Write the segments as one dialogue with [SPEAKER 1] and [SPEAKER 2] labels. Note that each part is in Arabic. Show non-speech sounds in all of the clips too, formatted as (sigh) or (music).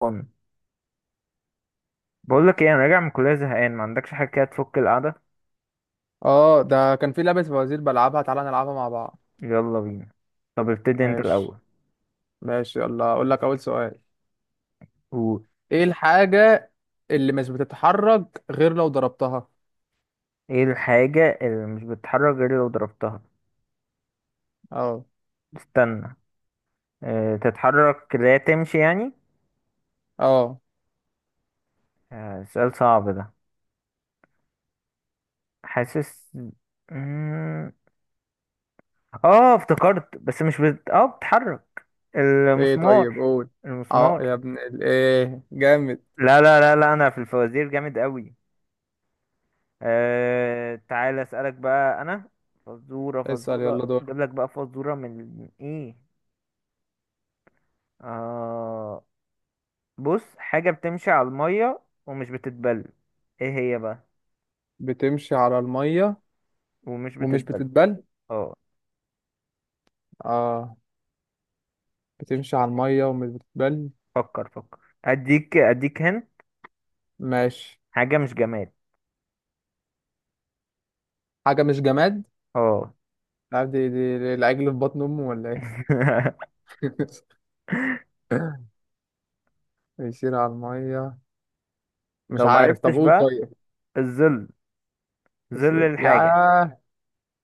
[SPEAKER 1] فن. بقول لك ايه، انا راجع من الكليه زهقان، ما عندكش حاجه كده تفك القعده؟
[SPEAKER 2] اه ده كان في لعبة فوازير بلعبها، تعالى نلعبها مع بعض.
[SPEAKER 1] يلا بينا. طب ابتدي انت
[SPEAKER 2] ماشي.
[SPEAKER 1] الاول.
[SPEAKER 2] ماشي اقول لك اول سؤال.
[SPEAKER 1] قول.
[SPEAKER 2] ايه الحاجة اللي مش بتتحرك غير لو ضربتها؟
[SPEAKER 1] ايه الحاجه اللي مش بتتحرك غير لو ضربتها؟
[SPEAKER 2] اه.
[SPEAKER 1] استنى. اه تتحرك لا تمشي يعني؟
[SPEAKER 2] اه.
[SPEAKER 1] اه سؤال صعب ده. حاسس. مم، اه افتكرت، بس مش بت... اه بتتحرك.
[SPEAKER 2] ايه؟ طيب
[SPEAKER 1] المسمار.
[SPEAKER 2] قول. اه يا
[SPEAKER 1] المسمار.
[SPEAKER 2] ابن ايه جامد.
[SPEAKER 1] لا لا لا لا، انا في الفوازير جامد قوي. آه تعالى اسألك بقى انا. فزورة
[SPEAKER 2] اسأل
[SPEAKER 1] فزورة،
[SPEAKER 2] يلا دور.
[SPEAKER 1] اجيب لك بقى فزورة من ايه. آه. بص، حاجة بتمشي على المية ومش بتتبل. ايه هي بقى؟
[SPEAKER 2] بتمشي على المية
[SPEAKER 1] ومش
[SPEAKER 2] ومش
[SPEAKER 1] بتتبل.
[SPEAKER 2] بتتبل؟
[SPEAKER 1] اه.
[SPEAKER 2] اه. بتمشي على المية ومش بتتبل.
[SPEAKER 1] فكر فكر، اديك اديك هن.
[SPEAKER 2] ماشي.
[SPEAKER 1] حاجة مش جماد.
[SPEAKER 2] حاجة مش جماد؟
[SPEAKER 1] اه.
[SPEAKER 2] لا، دي العجل في بطن امه ولا ايه؟
[SPEAKER 1] (laughs)
[SPEAKER 2] (laughs) بيسير على المية، مش
[SPEAKER 1] لو
[SPEAKER 2] عارف، طب
[SPEAKER 1] معرفتش
[SPEAKER 2] قول
[SPEAKER 1] بقى،
[SPEAKER 2] طيب.
[SPEAKER 1] الظل.
[SPEAKER 2] بس.
[SPEAKER 1] ظل
[SPEAKER 2] يا
[SPEAKER 1] الحاجة.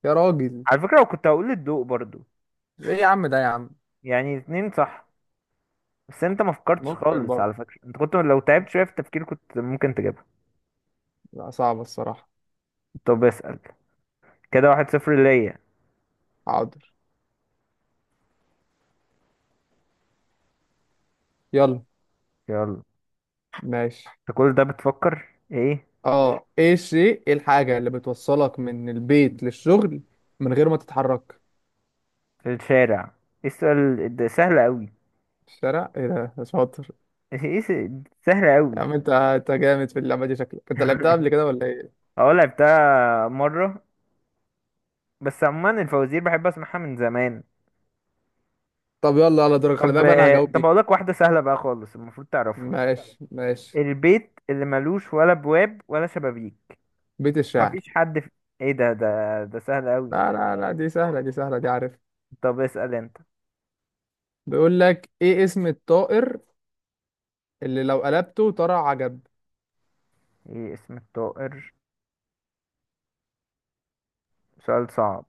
[SPEAKER 2] يا راجل.
[SPEAKER 1] على فكرة لو كنت هقول الضوء برضو،
[SPEAKER 2] ايه يا عم؟ ده يا عم
[SPEAKER 1] يعني 2 صح. بس انت ما فكرتش
[SPEAKER 2] ممكن
[SPEAKER 1] خالص،
[SPEAKER 2] برضه.
[SPEAKER 1] على فكرة انت كنت لو تعبت شوية في التفكير كنت ممكن تجيبها.
[SPEAKER 2] لا صعبة الصراحة.
[SPEAKER 1] طب اسأل. كده 1-0 ليا.
[SPEAKER 2] حاضر. يلا.
[SPEAKER 1] يلا.
[SPEAKER 2] ماشي.
[SPEAKER 1] انت كل ده بتفكر ايه؟
[SPEAKER 2] اه ايه الشيء، ايه الحاجة اللي بتوصلك من البيت للشغل من غير ما تتحرك؟
[SPEAKER 1] في الشارع. ايه السؤال ده سهل قوي.
[SPEAKER 2] الشارع؟ ايه ده؟ شاطر.
[SPEAKER 1] (laughs) ايه س- سهل قوي.
[SPEAKER 2] يا عم انت، انت جامد في اللعبة دي، شكلك انت لعبتها قبل
[SPEAKER 1] (laughs)
[SPEAKER 2] كده ولا ايه؟
[SPEAKER 1] اه لعبتها مرة، بس عموما الفوازير بحب اسمعها من زمان.
[SPEAKER 2] طب يلا على دورك، خلي
[SPEAKER 1] طب.
[SPEAKER 2] بالك بقى انا هجاوب دي.
[SPEAKER 1] اقول لك واحدة سهلة بقى خالص المفروض تعرفها.
[SPEAKER 2] ماشي ماشي.
[SPEAKER 1] البيت اللي ملوش ولا بواب ولا شبابيك.
[SPEAKER 2] بيت الشعر.
[SPEAKER 1] مفيش حد في... ايه ده سهل قوي.
[SPEAKER 2] لا لا لا، دي سهلة دي سهلة دي عارف.
[SPEAKER 1] طب اسأل انت.
[SPEAKER 2] بيقول لك ايه اسم الطائر اللي لو قلبته طلع عجب؟
[SPEAKER 1] ايه اسم الطائر؟ سؤال صعب.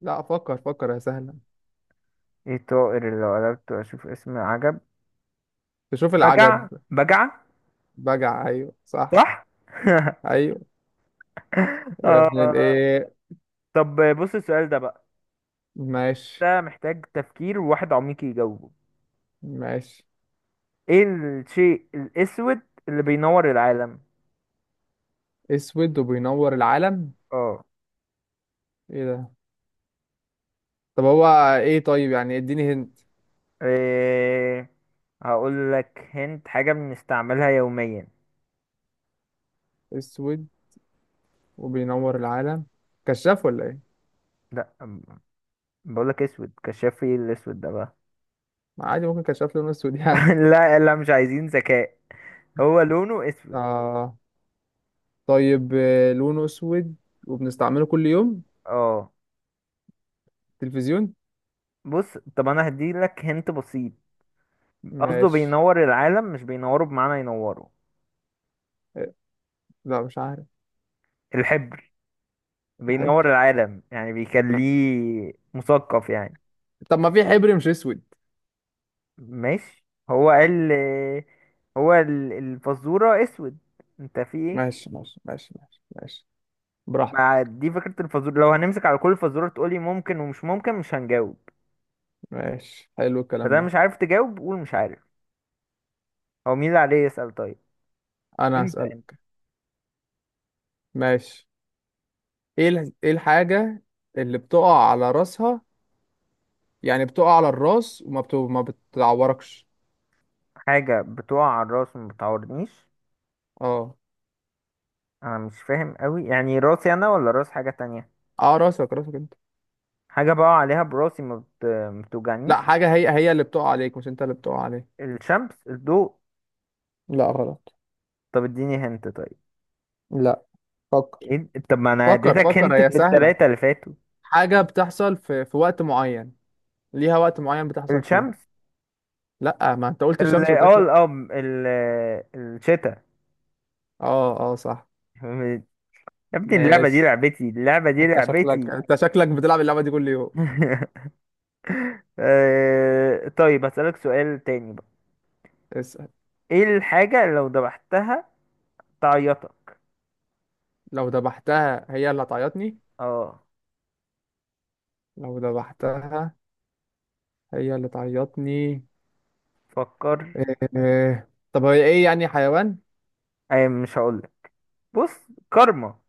[SPEAKER 2] لا فكر فكر، يا سهلة.
[SPEAKER 1] ايه الطائر اللي لو قلبته اشوف اسم عجب؟
[SPEAKER 2] تشوف
[SPEAKER 1] بجع
[SPEAKER 2] العجب.
[SPEAKER 1] بجع.
[SPEAKER 2] بجع؟ أيوه صح.
[SPEAKER 1] صح. (laughs)
[SPEAKER 2] أيوه. يا ابن
[SPEAKER 1] آه.
[SPEAKER 2] الإيه.
[SPEAKER 1] طب بص السؤال ده بقى،
[SPEAKER 2] ماشي
[SPEAKER 1] ده محتاج تفكير وواحد عميق يجاوبه.
[SPEAKER 2] ماشي.
[SPEAKER 1] ايه الشيء الاسود اللي بينور العالم؟
[SPEAKER 2] أسود وبينور العالم؟
[SPEAKER 1] اه.
[SPEAKER 2] إيه ده؟ طب هو إيه؟ طيب يعني إديني هنت.
[SPEAKER 1] إيه... هقول لك هنت، حاجة بنستعملها يوميا.
[SPEAKER 2] أسود وبينور العالم، كشاف ولا إيه؟
[SPEAKER 1] لا، بقول لك اسود كشاف، ايه الاسود ده بقى.
[SPEAKER 2] ما عادي ممكن كشاف لونه أسود (laughs) يعني.
[SPEAKER 1] (laughs) لا لا مش عايزين ذكاء. هو لونه اسود.
[SPEAKER 2] آه. طيب آه، لونه أسود وبنستعمله كل يوم.
[SPEAKER 1] اه.
[SPEAKER 2] تلفزيون؟
[SPEAKER 1] بص، طب انا هديلك هنت بسيط. قصده
[SPEAKER 2] ماشي.
[SPEAKER 1] بينور العالم مش بينوره بمعنى ينوره.
[SPEAKER 2] إيه، لا مش عارف.
[SPEAKER 1] الحبر بينور
[SPEAKER 2] الحبر؟
[SPEAKER 1] العالم يعني بيخليه مثقف يعني.
[SPEAKER 2] طب ما في حبر مش أسود.
[SPEAKER 1] ماشي. هو قال. الفزورة اسود. انت في ايه؟
[SPEAKER 2] ماشي ماشي. براحتك.
[SPEAKER 1] مع دي فكرة الفزورة لو هنمسك على كل فزورة تقولي ممكن ومش ممكن مش هنجاوب.
[SPEAKER 2] ماشي، حلو الكلام
[SPEAKER 1] فده مش
[SPEAKER 2] ده.
[SPEAKER 1] عارف تجاوب قول مش عارف. هو مين اللي عليه يسأل طيب؟
[SPEAKER 2] انا
[SPEAKER 1] انت.
[SPEAKER 2] هسألك. ماشي. ايه ايه الحاجة اللي بتقع على راسها، يعني بتقع على الراس ما بتعوركش؟
[SPEAKER 1] حاجة بتقع على الراس وما بتعورنيش.
[SPEAKER 2] اه.
[SPEAKER 1] انا مش فاهم قوي، يعني راسي انا ولا راس حاجة تانية؟
[SPEAKER 2] اه راسك، راسك انت.
[SPEAKER 1] حاجة بقع عليها براسي ما
[SPEAKER 2] لا
[SPEAKER 1] بتوجعنيش.
[SPEAKER 2] حاجة هي هي اللي بتقع عليك، مش انت اللي بتقع عليك.
[SPEAKER 1] الشمس؟ الضوء؟
[SPEAKER 2] لا غلط.
[SPEAKER 1] طب اديني هنت طيب.
[SPEAKER 2] لا فكر
[SPEAKER 1] ايه ده؟ طب ما انا
[SPEAKER 2] فكر. لا
[SPEAKER 1] اديتك
[SPEAKER 2] فكر،
[SPEAKER 1] هنت
[SPEAKER 2] هي هي
[SPEAKER 1] في
[SPEAKER 2] سهلة.
[SPEAKER 1] التلاتة اللي فاتوا.
[SPEAKER 2] حاجة بتحصل في وقت معين، ليها وقت معين بتحصل فيه.
[SPEAKER 1] الشمس.
[SPEAKER 2] لا ما انت قلت
[SPEAKER 1] ال
[SPEAKER 2] الشمس قلت
[SPEAKER 1] اه
[SPEAKER 2] لك
[SPEAKER 1] ال-
[SPEAKER 2] لا.
[SPEAKER 1] اه ال الشتاء.
[SPEAKER 2] اه اه صح.
[SPEAKER 1] (laughs) يا ابني اللعبة دي
[SPEAKER 2] ماشي.
[SPEAKER 1] لعبتي، اللعبة دي
[SPEAKER 2] انت هي، شكلك
[SPEAKER 1] لعبتي.
[SPEAKER 2] انت شكلك بتلعب اللعبة دي كل يوم.
[SPEAKER 1] (laughs) آه، طيب هسألك سؤال تاني بقى.
[SPEAKER 2] اسأل.
[SPEAKER 1] ايه الحاجة اللي لو ذبحتها تعيطك؟
[SPEAKER 2] لو ذبحتها هي اللي هتعيطني؟
[SPEAKER 1] اه.
[SPEAKER 2] لو ذبحتها هي اللي تعيطني.
[SPEAKER 1] فكر.
[SPEAKER 2] إيه. طب هي ايه؟ يعني حيوان؟
[SPEAKER 1] اي مش هقولك. بص. كارما.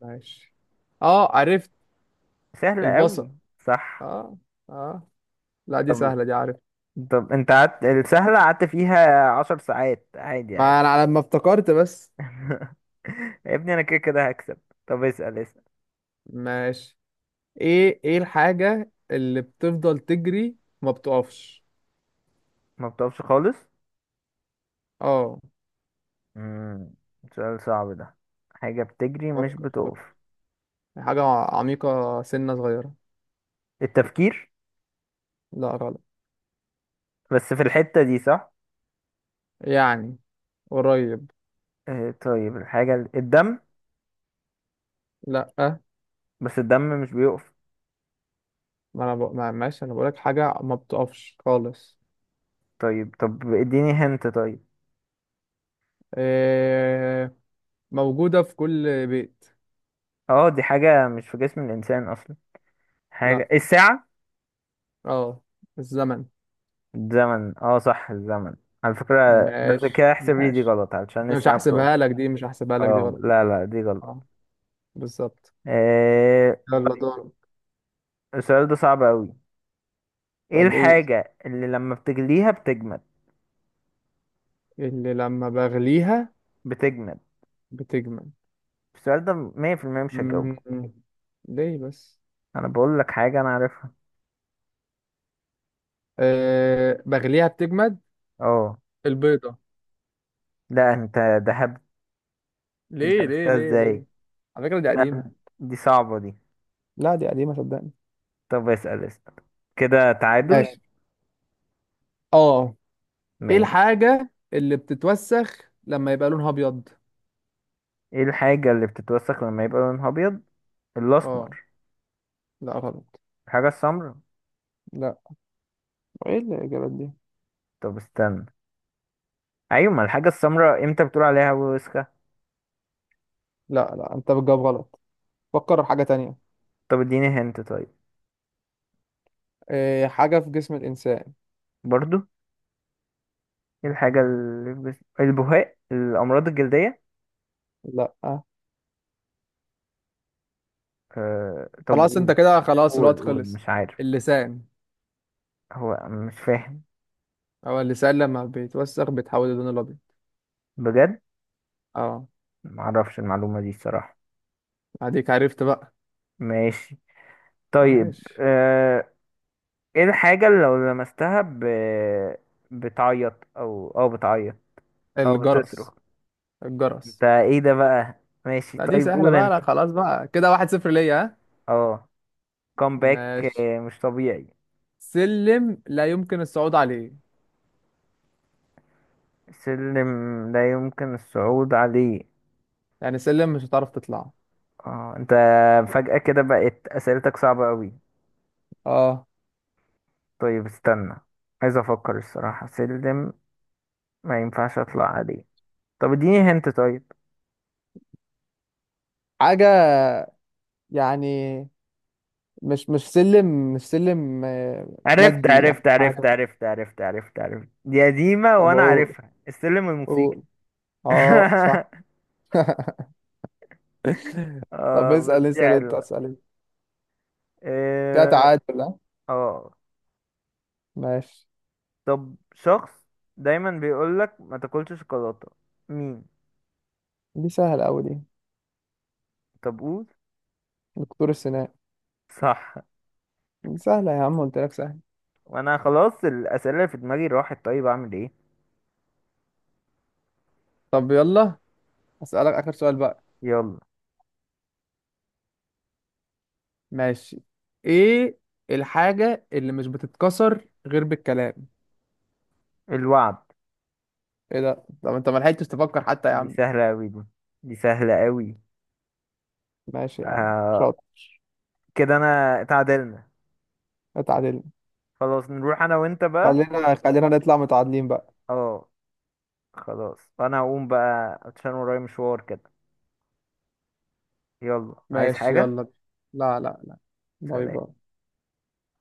[SPEAKER 2] ماشي. اه عرفت.
[SPEAKER 1] سهلة
[SPEAKER 2] البصل.
[SPEAKER 1] قوي. صح.
[SPEAKER 2] اه. اه. لا دي
[SPEAKER 1] طب.
[SPEAKER 2] سهلة دي عارف.
[SPEAKER 1] طب انت قعدت السهلة قعدت فيها 10 ساعات عادي عادي.
[SPEAKER 2] ما انا على ما افتكرت بس.
[SPEAKER 1] (laughs) يا ابني انا كده كده هكسب. طب اسأل اسأل.
[SPEAKER 2] ماشي. ايه الحاجة اللي بتفضل تجري وما بتقفش؟
[SPEAKER 1] ما بتقفش خالص.
[SPEAKER 2] اه.
[SPEAKER 1] امم سؤال صعب ده. حاجة بتجري مش
[SPEAKER 2] فكر فكر.
[SPEAKER 1] بتقف.
[SPEAKER 2] حاجة عميقة، سنة صغيرة.
[SPEAKER 1] التفكير.
[SPEAKER 2] لا غلط.
[SPEAKER 1] بس في الحتة دي صح.
[SPEAKER 2] يعني قريب.
[SPEAKER 1] آه، طيب الحاجة الدم.
[SPEAKER 2] لا
[SPEAKER 1] بس الدم مش بيقف.
[SPEAKER 2] ما ماشي، انا بقولك حاجة ما بتقفش خالص.
[SPEAKER 1] طيب. طب اديني هنت طيب.
[SPEAKER 2] إيه... موجودة في كل بيت.
[SPEAKER 1] اه دي حاجة مش في جسم الإنسان أصلا.
[SPEAKER 2] لا.
[SPEAKER 1] حاجة الساعة.
[SPEAKER 2] اه الزمن.
[SPEAKER 1] الزمن. اه صح الزمن. على فكرة. بس
[SPEAKER 2] ماشي
[SPEAKER 1] كده احسب لي دي
[SPEAKER 2] ماشي.
[SPEAKER 1] غلط علشان
[SPEAKER 2] مش
[SPEAKER 1] الساعة بتقف.
[SPEAKER 2] هحسبها لك دي، مش هحسبها لك دي
[SPEAKER 1] اه
[SPEAKER 2] غلط.
[SPEAKER 1] لا لا دي غلط.
[SPEAKER 2] اه بالظبط.
[SPEAKER 1] آه.
[SPEAKER 2] يلا دور.
[SPEAKER 1] السؤال ده صعب أوي. ايه
[SPEAKER 2] طب قول.
[SPEAKER 1] الحاجة اللي لما بتجليها بتجمد؟
[SPEAKER 2] اللي لما بغليها
[SPEAKER 1] بتجمد.
[SPEAKER 2] بتجمد؟
[SPEAKER 1] السؤال ده 100% مش هجاوبه.
[SPEAKER 2] مم. ليه بس؟
[SPEAKER 1] انا بقول لك حاجة انا عارفها.
[SPEAKER 2] إيه... بغليها بتجمد.
[SPEAKER 1] اه.
[SPEAKER 2] البيضة.
[SPEAKER 1] لا انت. ده هب. انت
[SPEAKER 2] ليه ليه
[SPEAKER 1] عرفتها
[SPEAKER 2] ليه ليه؟
[SPEAKER 1] ازاي؟
[SPEAKER 2] على فكرة دي
[SPEAKER 1] لا
[SPEAKER 2] قديمة.
[SPEAKER 1] دي صعبة دي.
[SPEAKER 2] لا دي قديمة صدقني.
[SPEAKER 1] طب اسأل اسأل. كده تعادل.
[SPEAKER 2] ماشي. اه ايه
[SPEAKER 1] ماشي.
[SPEAKER 2] الحاجة اللي بتتوسخ لما يبقى لونها ابيض؟
[SPEAKER 1] ايه الحاجة اللي بتتوسخ لما يبقى لونها ابيض؟
[SPEAKER 2] اه.
[SPEAKER 1] الاسمر.
[SPEAKER 2] لا غلط.
[SPEAKER 1] الحاجة السمراء.
[SPEAKER 2] لا ايه الاجابات دي؟
[SPEAKER 1] طب استنى. ايوه، ما الحاجة السمراء امتى بتقول عليها وسخة؟
[SPEAKER 2] لا لا انت بتجاوب غلط، فكر في حاجة تانية.
[SPEAKER 1] طب اديني هنت طيب.
[SPEAKER 2] إيه حاجة في جسم الانسان.
[SPEAKER 1] برضو. ايه الحاجة اللي بس... البهاق، الامراض الجلدية.
[SPEAKER 2] لا.
[SPEAKER 1] آه... طب
[SPEAKER 2] خلاص انت
[SPEAKER 1] قول.
[SPEAKER 2] كده، خلاص الوقت
[SPEAKER 1] قول قول
[SPEAKER 2] خلص.
[SPEAKER 1] مش عارف.
[SPEAKER 2] اللسان.
[SPEAKER 1] هو مش فاهم.
[SPEAKER 2] هو اللسان لما بيتوسخ بيتحول للون الابيض.
[SPEAKER 1] بجد.
[SPEAKER 2] اه.
[SPEAKER 1] معرفش المعلومة دي الصراحة.
[SPEAKER 2] اديك عرفت بقى.
[SPEAKER 1] ماشي. طيب.
[SPEAKER 2] ماشي.
[SPEAKER 1] آه، ايه الحاجة اللي لو لمستها ب... بتعيط او بتعيط او
[SPEAKER 2] الجرس.
[SPEAKER 1] بتصرخ. انت
[SPEAKER 2] الجرس.
[SPEAKER 1] ايه ده بقى؟ ماشي
[SPEAKER 2] لا دي
[SPEAKER 1] طيب
[SPEAKER 2] سهلة
[SPEAKER 1] قول
[SPEAKER 2] بقى،
[SPEAKER 1] انت.
[SPEAKER 2] لا خلاص بقى كده واحد صفر ليا، ها.
[SPEAKER 1] اه. كومباك.
[SPEAKER 2] ماشي.
[SPEAKER 1] مش طبيعي.
[SPEAKER 2] سلم لا يمكن الصعود عليه.
[SPEAKER 1] سلم لا يمكن الصعود عليه.
[SPEAKER 2] يعني سلم مش هتعرف تطلعه.
[SPEAKER 1] اه. انت فجأة كده بقت اسئلتك صعبة قوي.
[SPEAKER 2] اه.
[SPEAKER 1] طيب استنى، عايز افكر الصراحة، سلم ما ينفعش اطلع عليه. طب اديني هنت طيب.
[SPEAKER 2] حاجة يعني، مش مش سلم، مش سلم آه،
[SPEAKER 1] عرفت
[SPEAKER 2] مادي يعني
[SPEAKER 1] عرفت عرفت
[SPEAKER 2] حاجة.
[SPEAKER 1] عرفت عرفت عرفت عرفت دي قديمة
[SPEAKER 2] طب
[SPEAKER 1] وانا
[SPEAKER 2] أقول.
[SPEAKER 1] عارفها، السلم الموسيقي.
[SPEAKER 2] أقول. اه صح.
[SPEAKER 1] (laughs)
[SPEAKER 2] (laughs) طب
[SPEAKER 1] اه بس
[SPEAKER 2] اسأل
[SPEAKER 1] دي
[SPEAKER 2] اسأل انت،
[SPEAKER 1] حلوة.
[SPEAKER 2] اسأل انت. كده
[SPEAKER 1] اه.
[SPEAKER 2] تعادل ها؟
[SPEAKER 1] آه.
[SPEAKER 2] ماشي.
[SPEAKER 1] طب شخص دايما بيقولك ما تاكلش شوكولاتة، مين؟
[SPEAKER 2] دي سهلة أوي دي.
[SPEAKER 1] طب قول.
[SPEAKER 2] دكتور السنان.
[SPEAKER 1] صح.
[SPEAKER 2] دي سهلة يا عم، قلت لك سهلة.
[SPEAKER 1] وانا خلاص الاسئلة اللي في دماغي راحت، طيب اعمل ايه؟
[SPEAKER 2] طب يلا أسألك آخر سؤال بقى.
[SPEAKER 1] يلا.
[SPEAKER 2] ماشي. ايه الحاجة اللي مش بتتكسر غير بالكلام؟
[SPEAKER 1] الوعد.
[SPEAKER 2] ايه ده؟ طب انت ما لحقتش تفكر حتى يا
[SPEAKER 1] دي
[SPEAKER 2] عم.
[SPEAKER 1] سهلة اوي دي، دي سهلة اوي.
[SPEAKER 2] ماشي يا عم.
[SPEAKER 1] آه.
[SPEAKER 2] شاطر.
[SPEAKER 1] كده انا اتعادلنا.
[SPEAKER 2] اتعادل.
[SPEAKER 1] خلاص نروح انا وانت بقى.
[SPEAKER 2] خلينا خلينا نطلع متعادلين بقى.
[SPEAKER 1] اه. خلاص انا هقوم بقى عشان ورايا مشوار كده. يلا عايز
[SPEAKER 2] ماشي
[SPEAKER 1] حاجة؟
[SPEAKER 2] يلا بينا. لا لا لا. باي
[SPEAKER 1] سلام.
[SPEAKER 2] باي.